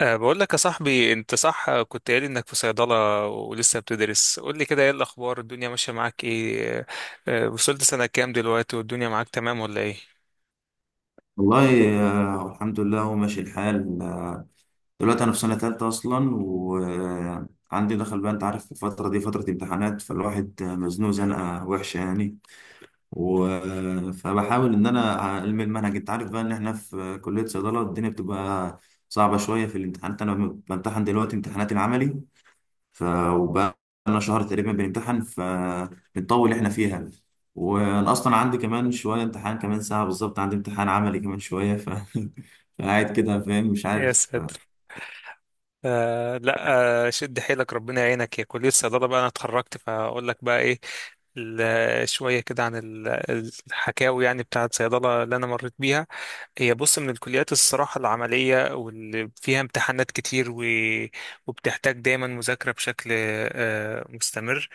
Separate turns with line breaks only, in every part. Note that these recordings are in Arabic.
بقول لك يا صاحبي، انت صح كنت قايل انك في صيدلة ولسه بتدرس. قول لي كده، ايه الاخبار؟ الدنيا ماشية معاك ايه؟ وصلت سنة كام دلوقتي والدنيا معاك تمام ولا ايه؟
والله، الحمد لله هو ماشي الحال دلوقتي انا في سنه ثالثه اصلا، وعندي دخل بقى. انت عارف الفتره دي فتره امتحانات، فالواحد مزنوق زنقه وحشه يعني. و... آه، فبحاول ان انا الم المنهج. انت عارف بقى ان احنا في كليه صيدله، الدنيا بتبقى صعبه شويه في الامتحانات. انا بمتحن دلوقتي امتحانات العملي. ف وبقى لنا شهر تقريبا بنمتحن، فبنطول احنا فيها. وانا اصلا عندي كمان شويه امتحان، كمان ساعه بالظبط عندي امتحان عملي كمان شويه. فقاعد كده فاهم مش
يا
عارف.
ساتر! أه لا أه شد حيلك، ربنا يعينك. يا كلية صيدلة بقى انا اتخرجت، فاقول لك بقى ايه. شوية كده عن الحكاوي يعني بتاعة صيدلة اللي انا مريت بيها. هي بص، من الكليات الصراحة العملية، واللي فيها امتحانات كتير، وبتحتاج دايما مذاكرة بشكل مستمر،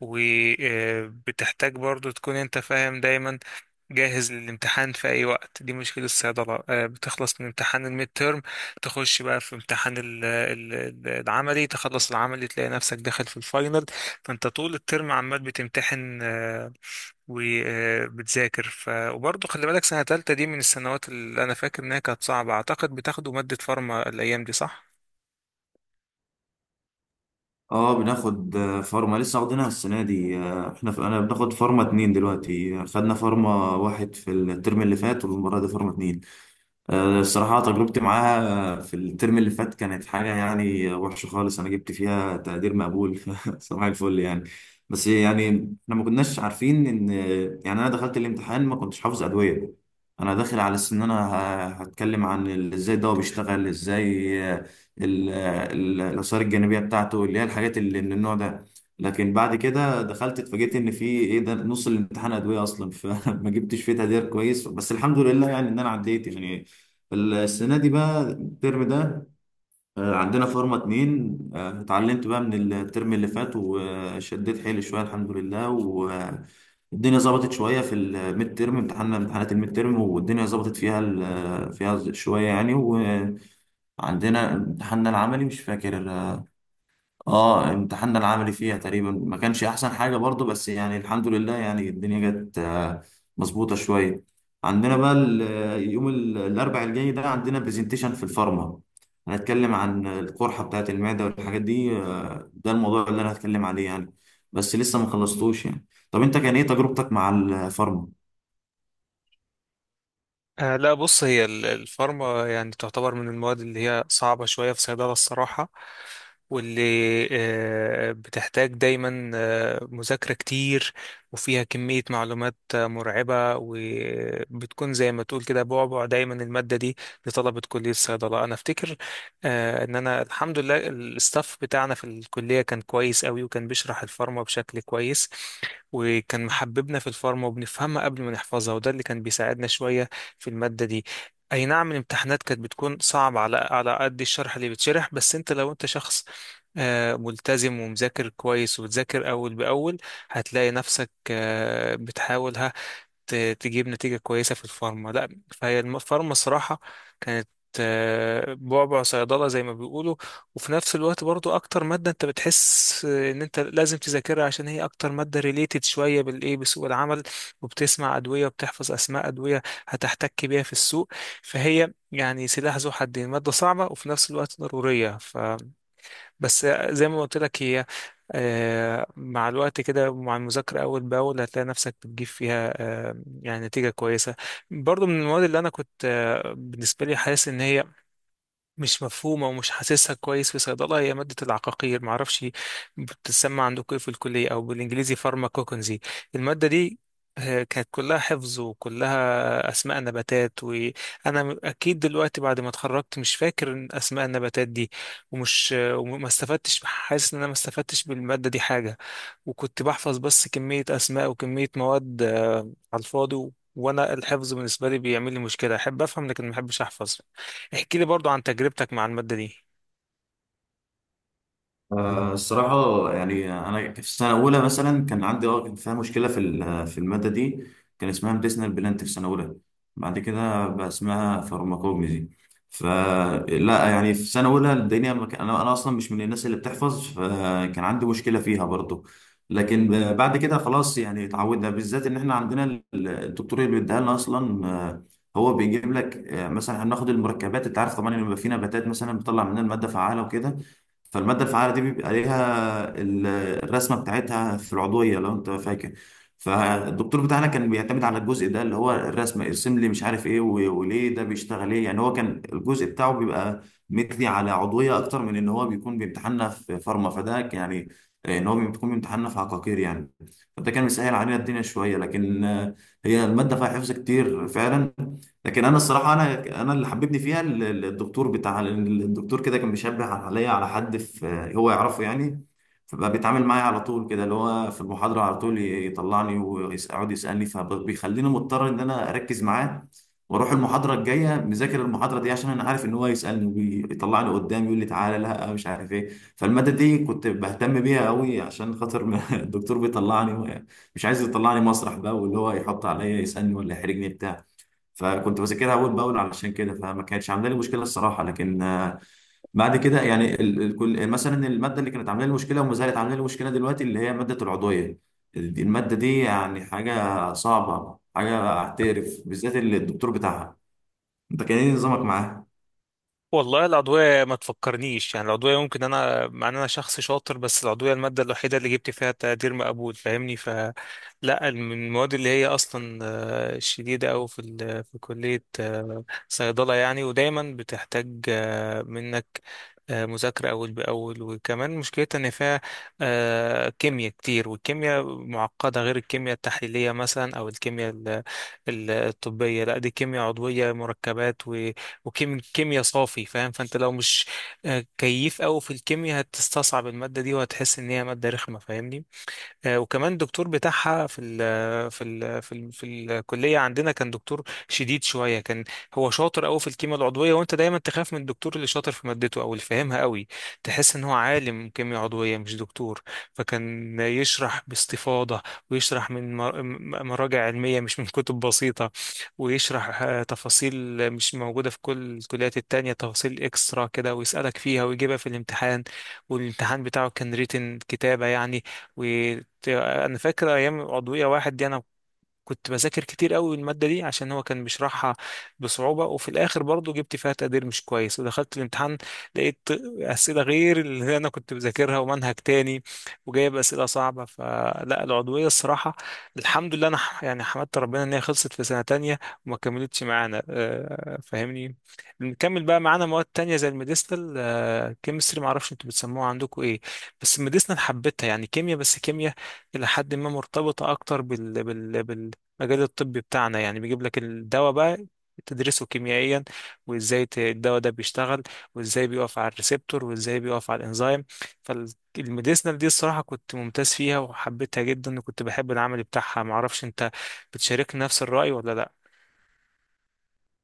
وبتحتاج برضو تكون انت فاهم دايما، جاهز للامتحان في اي وقت. دي مشكلة الصيدلة. بتخلص من امتحان الميد تيرم، تخش بقى في امتحان العملي، تخلص العملي تلاقي نفسك داخل في الفاينل. فانت طول الترم عمال بتمتحن وبتذاكر. وبرضو خلي بالك، سنة تالتة دي من السنوات اللي انا فاكر انها كانت صعبة. اعتقد بتاخدوا مادة فارما الايام دي، صح؟
اه، بناخد فارما لسه واخدينها السنه دي. انا بناخد فارما اتنين دلوقتي، خدنا فارما واحد في الترم اللي فات، والمره دي فارما اتنين. الصراحة تجربتي معاها في الترم اللي فات كانت حاجة يعني وحشة خالص، أنا جبت فيها تقدير مقبول صباح الفل يعني. بس يعني إحنا ما كناش عارفين إن، يعني أنا دخلت الامتحان ما كنتش حافظ أدوية. أنا داخل على أساس إن أنا هتكلم عن إزاي الدواء بيشتغل إزاي. الآثار الجانبية بتاعته اللي هي الحاجات اللي من النوع ده. لكن بعد كده دخلت اتفاجئت ان في ايه، ده نص الامتحان ادويه اصلا فما جبتش فيه تقدير كويس، بس الحمد لله يعني ان انا عديت يعني. السنة دي بقى، الترم ده عندنا فورمة اتنين. اتعلمت بقى من الترم اللي فات وشديت حيلي شوية الحمد لله، والدنيا ظبطت شوية في الميد ترم، امتحاننا امتحانات الميد ترم، والدنيا ظبطت فيها فيها شوية يعني. وعندنا امتحاننا العملي، مش فاكر، اه امتحاننا العملي فيها تقريبا ما كانش احسن حاجه برضو، بس يعني الحمد لله يعني الدنيا جت مظبوطه شويه. عندنا بقى يوم الاربع الجاي ده عندنا برزنتيشن في الفارما، هنتكلم عن القرحه بتاعت المعده والحاجات دي. ده الموضوع اللي انا هتكلم عليه يعني، بس لسه ما خلصتوش يعني. طب انت كان ايه تجربتك مع الفارما؟
آه لا بص، هي الفارما يعني تعتبر من المواد اللي هي صعبة شوية في صيدلة الصراحة، واللي بتحتاج دايما مذاكرة كتير، وفيها كمية معلومات مرعبة، وبتكون زي ما تقول كده بعبع دايما المادة دي لطلبة كلية الصيدلة. أنا أفتكر إن أنا الحمد لله الستاف بتاعنا في الكلية كان كويس قوي، وكان بيشرح الفارما بشكل كويس، وكان محببنا في الفارما، وبنفهمها قبل ما نحفظها، وده اللي كان بيساعدنا شوية في المادة دي. اي نعم الامتحانات كانت بتكون صعبة، على قد الشرح اللي بيتشرح، بس انت لو انت شخص ملتزم ومذاكر كويس وبتذاكر أول بأول، هتلاقي نفسك بتحاول تجيب نتيجة كويسة في الفارما. لا، فهي الفارما صراحة كانت بعبع صيدلة زي ما بيقولوا، وفي نفس الوقت برضو أكتر مادة أنت بتحس إن أنت لازم تذاكرها، عشان هي أكتر مادة ريليتد شوية بالإيه، بسوق العمل. وبتسمع أدوية وبتحفظ أسماء أدوية هتحتك بيها في السوق. فهي يعني سلاح ذو حدين، مادة صعبة وفي نفس الوقت ضرورية. بس زي ما قلت لك، هي مع الوقت كده، ومع المذاكرة أول بأول، هتلاقي نفسك بتجيب فيها يعني نتيجة كويسة. برضو من المواد اللي أنا كنت بالنسبة لي حاسس إن هي مش مفهومة ومش حاسسها كويس في صيدلة، هي مادة العقاقير، معرفش بتتسمى عندكم ايه في الكلية، أو بالإنجليزي فارماكوكنزي. المادة دي كانت كلها حفظ، وكلها أسماء نباتات، وأنا أكيد دلوقتي بعد ما اتخرجت مش فاكر إن أسماء النباتات دي، ومش آه، وما استفدتش حاسس إن أنا ما استفدتش بالمادة دي حاجة، وكنت بحفظ بس كمية أسماء وكمية مواد على الفاضي. وأنا الحفظ بالنسبة لي بيعمل لي مشكلة، أحب أفهم لكن ما أحبش أحفظ. احكي لي برضو عن تجربتك مع المادة دي.
الصراحة يعني أنا في سنة أولى مثلا كان عندي كان فيها مشكلة في في المادة دي، كان اسمها ميديسنال بلانت في سنة أولى، بعد كده بقى اسمها فارماكوجنزي. فلا يعني في سنة أولى الدنيا ما كان- أنا أصلا مش من الناس اللي بتحفظ، فكان عندي مشكلة فيها برضو. لكن بعد كده خلاص، يعني اتعودنا، بالذات إن إحنا عندنا الدكتور اللي بيديها لنا أصلا. هو بيجيب لك، مثلا هناخد المركبات، انت عارف طبعا ان بيبقى في نباتات مثلا بتطلع منها الماده فعاله وكده، فالمادة الفعالة دي بيبقى عليها الرسمة بتاعتها في العضوية، لو انت فاكر. فالدكتور بتاعنا كان بيعتمد على الجزء ده اللي هو الرسمة، ارسم لي مش عارف ايه وليه ده بيشتغل ايه. يعني هو كان الجزء بتاعه بيبقى مثلي على عضوية اكتر من ان هو بيكون بيمتحنا في فارما، فده يعني ان هو بيكون بيمتحنا في عقاقير يعني. فده كان مسهل علينا الدنيا شوية، لكن هي المادة فيها حفظ كتير فعلا. لكن انا الصراحه، انا اللي حببني فيها الدكتور بتاع الدكتور كده كان بيشبه عليا على حد في هو يعرفه يعني. فبقى بيتعامل معايا على طول كده، اللي هو في المحاضره على طول يطلعني ويقعد يسالني، فبيخليني مضطر ان انا اركز معاه، واروح المحاضره الجايه مذاكر المحاضره دي عشان انا عارف ان هو يسالني ويطلعني قدام، يقول لي تعالى لا مش عارف ايه. فالماده دي كنت بهتم بيها قوي عشان خاطر الدكتور بيطلعني، مش عايز يطلعني مسرح بقى، واللي هو يحط عليا يسالني ولا يحرجني بتاع. فكنت بذاكرها اول باول علشان كده، فما كانتش عامله لي مشكله الصراحه. لكن بعد كده يعني كل مثلا الماده اللي كانت عامله لي مشكله وما زالت عامله لي مشكله دلوقتي، اللي هي ماده العضويه. الماده دي يعني حاجه صعبه، حاجه اعترف، بالذات اللي الدكتور بتاعها. انت كان ايه نظامك معاها؟
والله العضوية ما تفكرنيش يعني، العضوية ممكن أنا، مع إن أنا شخص شاطر، بس العضوية المادة الوحيدة اللي جبت فيها تقدير مقبول، فاهمني؟ فلا، من المواد اللي هي أصلا شديدة أوي في في كلية صيدلة يعني، ودايما بتحتاج منك مذاكرة أول بأول. وكمان مشكلتها إن فيها كيمياء كتير، والكيمياء معقدة، غير الكيمياء التحليلية مثلا، أو الكيمياء الطبية. لا، دي كيمياء عضوية مركبات وكيمياء صافي، فاهم؟ فانت لو مش كيف قوي في الكيمياء هتستصعب المادة دي، وهتحس ان هي مادة رخمة، فاهمني؟ وكمان الدكتور بتاعها في ال في ال في ال في الكليه عندنا كان دكتور شديد شويه. كان هو شاطر قوي في الكيمياء العضويه، وانت دايما تخاف من الدكتور اللي شاطر في مادته، او اللي فاهمها قوي، تحس ان هو عالم كيمياء عضويه مش دكتور. فكان يشرح باستفاضه، ويشرح من مراجع علميه، مش من كتب بسيطه، ويشرح تفاصيل مش موجوده في كل الكليات التانية، تفاصيل اكسترا كده، ويسالك فيها ويجيبها في الامتحان. والامتحان بتاعه كان ريتن، كتابه يعني. انا فاكر ايام عضويه واحد دي، انا كنت بذاكر كتير قوي المادة دي عشان هو كان بيشرحها بصعوبة، وفي الآخر برضو جبت فيها تقدير مش كويس. ودخلت الامتحان لقيت أسئلة غير اللي أنا كنت بذاكرها، ومنهج تاني، وجايب أسئلة صعبة. فلا، العضوية الصراحة الحمد لله أنا يعني حمدت ربنا إن هي خلصت في سنة تانية، وما كملتش معانا، فاهمني. نكمل بقى معانا مواد تانية زي الميديسنال كيمستري، معرفش انتوا بتسموها عندكم ايه. بس الميديسنال حبيتها، يعني كيمياء بس كيمياء إلى حد ما مرتبطة أكتر بال المجال الطبي بتاعنا يعني، بيجيب لك الدواء بقى تدرسه كيميائيا، وازاي الدواء ده بيشتغل، وازاي بيقف على الريسبتور، وازاي بيقف على الانزيم. فالميديسنال دي الصراحة كنت ممتاز فيها وحبيتها جدا، وكنت بحب العمل بتاعها. معرفش انت بتشاركني نفس الرأي ولا لا.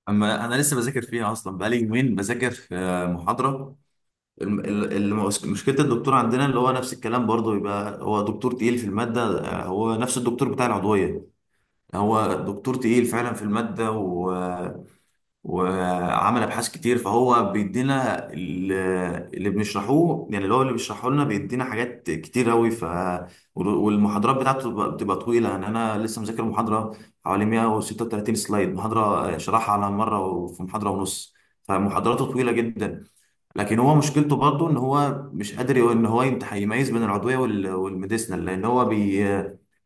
اما انا لسه بذاكر فيها اصلا، بقالي يومين بذاكر في محاضره. مشكله الدكتور عندنا اللي هو نفس الكلام برضه، يبقى هو دكتور تقيل في الماده. هو نفس الدكتور بتاع العضويه، هو دكتور تقيل فعلا في المادة وعمل أبحاث كتير، فهو بيدينا اللي بنشرحوه، يعني اللي هو اللي بيشرحه لنا بيدينا حاجات كتير أوي. والمحاضرات بتاعته بتبقى طويلة، يعني أنا لسه مذاكر محاضرة حوالي 136 سلايد، محاضرة شرحها على مرة وفي محاضرة ونص. فمحاضراته طويلة جدا. لكن هو مشكلته برضه ان هو مش قادر ان هو يميز بين العضويه والميديسنال، لان هو بي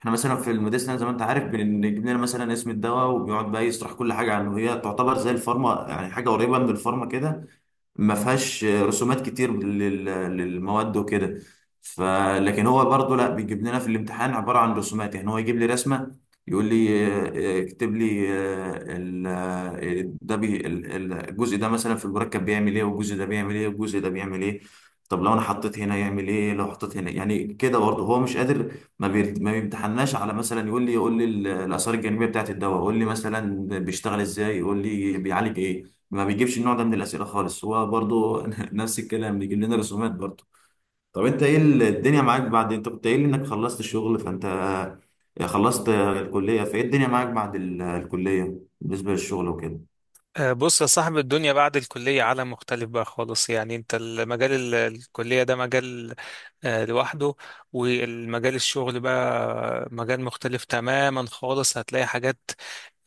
احنا مثلا في الميديسنال زي ما انت عارف، بنجيب لنا مثلا اسم الدواء، وبيقعد بقى يشرح كل حاجه عنه، هي تعتبر زي الفارما، يعني حاجه قريبه من الفارما كده، ما فيهاش رسومات كتير للمواد وكده. ف لكن هو برضه لا، بيجيب لنا في الامتحان عباره عن رسومات، يعني هو يجيب لي رسمه، يقول لي اكتب لي آه، ال- آه، ده بي ال- ال- الجزء ده مثلا في المركب بيعمل ايه، والجزء ده بيعمل ايه، والجزء ده بيعمل ايه. طب لو انا حطيت هنا يعمل ايه، لو حطيت هنا يعني كده برضه هو مش قادر. ما بيمتحناش على، مثلا يقول لي الاثار الجانبيه بتاعت الدواء، يقول لي مثلا بيشتغل ازاي، يقول لي بيعالج ايه. ما بيجيبش النوع ده من الأسئلة خالص هو برضو نفس الكلام بيجيب لنا رسومات برضو. طب انت ايه الدنيا معاك بعد؟ انت كنت قايل لي انك خلصت الشغل، فانت خلصت الكلية، فايه الدنيا معاك بعد الكلية بالنسبة للشغل وكده؟
بص يا صاحب، الدنيا بعد الكلية عالم مختلف بقى خالص. يعني انت، المجال الكلية ده مجال لوحده، والمجال الشغل بقى مجال مختلف تماما خالص. هتلاقي حاجات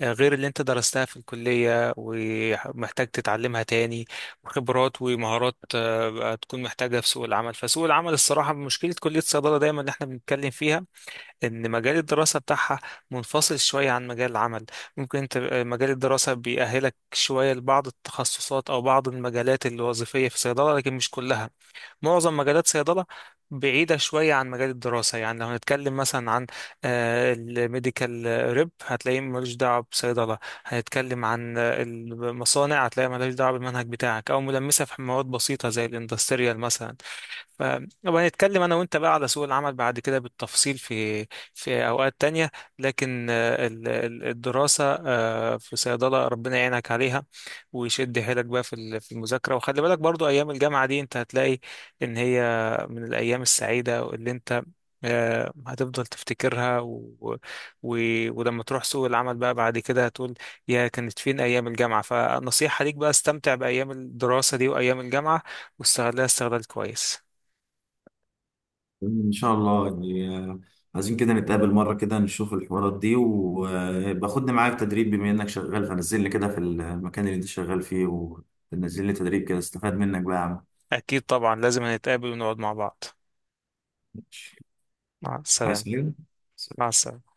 غير اللي انت درستها في الكلية ومحتاج تتعلمها تاني، وخبرات ومهارات هتكون محتاجها في سوق العمل. فسوق العمل الصراحة، مشكلة كلية الصيدلة دايما اللي احنا بنتكلم فيها، ان مجال الدراسة بتاعها منفصل شوية عن مجال العمل. ممكن انت مجال الدراسة بيأهلك شوية لبعض التخصصات او بعض المجالات الوظيفية في الصيدلة، لكن مش كلها. معظم مجالات صيدلة بعيدة شوية عن مجال الدراسة. يعني لو هنتكلم مثلا عن الميديكال ريب، هتلاقيه ملوش دعوة بصيدلة. هنتكلم عن المصانع، هتلاقيه ملوش دعوة بالمنهج بتاعك، أو ملمسة في مواد بسيطة زي الاندستريال مثلا. فنبقى نتكلم انا وانت بقى على سوق العمل بعد كده بالتفصيل في في اوقات تانية. لكن الدراسة في صيدلة ربنا يعينك عليها، ويشد حيلك بقى في في المذاكرة. وخلي بالك برضو، ايام الجامعة دي انت هتلاقي ان هي من الايام السعيدة اللي انت هتفضل تفتكرها. و... ولما تروح سوق العمل بقى بعد كده، هتقول يا كانت فين أيام الجامعة. فنصيحة ليك بقى، استمتع بأيام الدراسة دي وأيام الجامعة، واستغلها استغلال كويس.
ان شاء الله يعني. عايزين كده نتقابل مره كده، نشوف الحوارات دي، وباخدني معاك تدريب بما انك شغال، فنزلني كده في المكان اللي انت شغال فيه، ونزل لي تدريب كده استفاد منك بقى يا عم.
أكيد طبعا لازم نتقابل ونقعد مع بعض.
ماشي.
مع
عايز
السلامة.
حاجه؟
مع السلامة.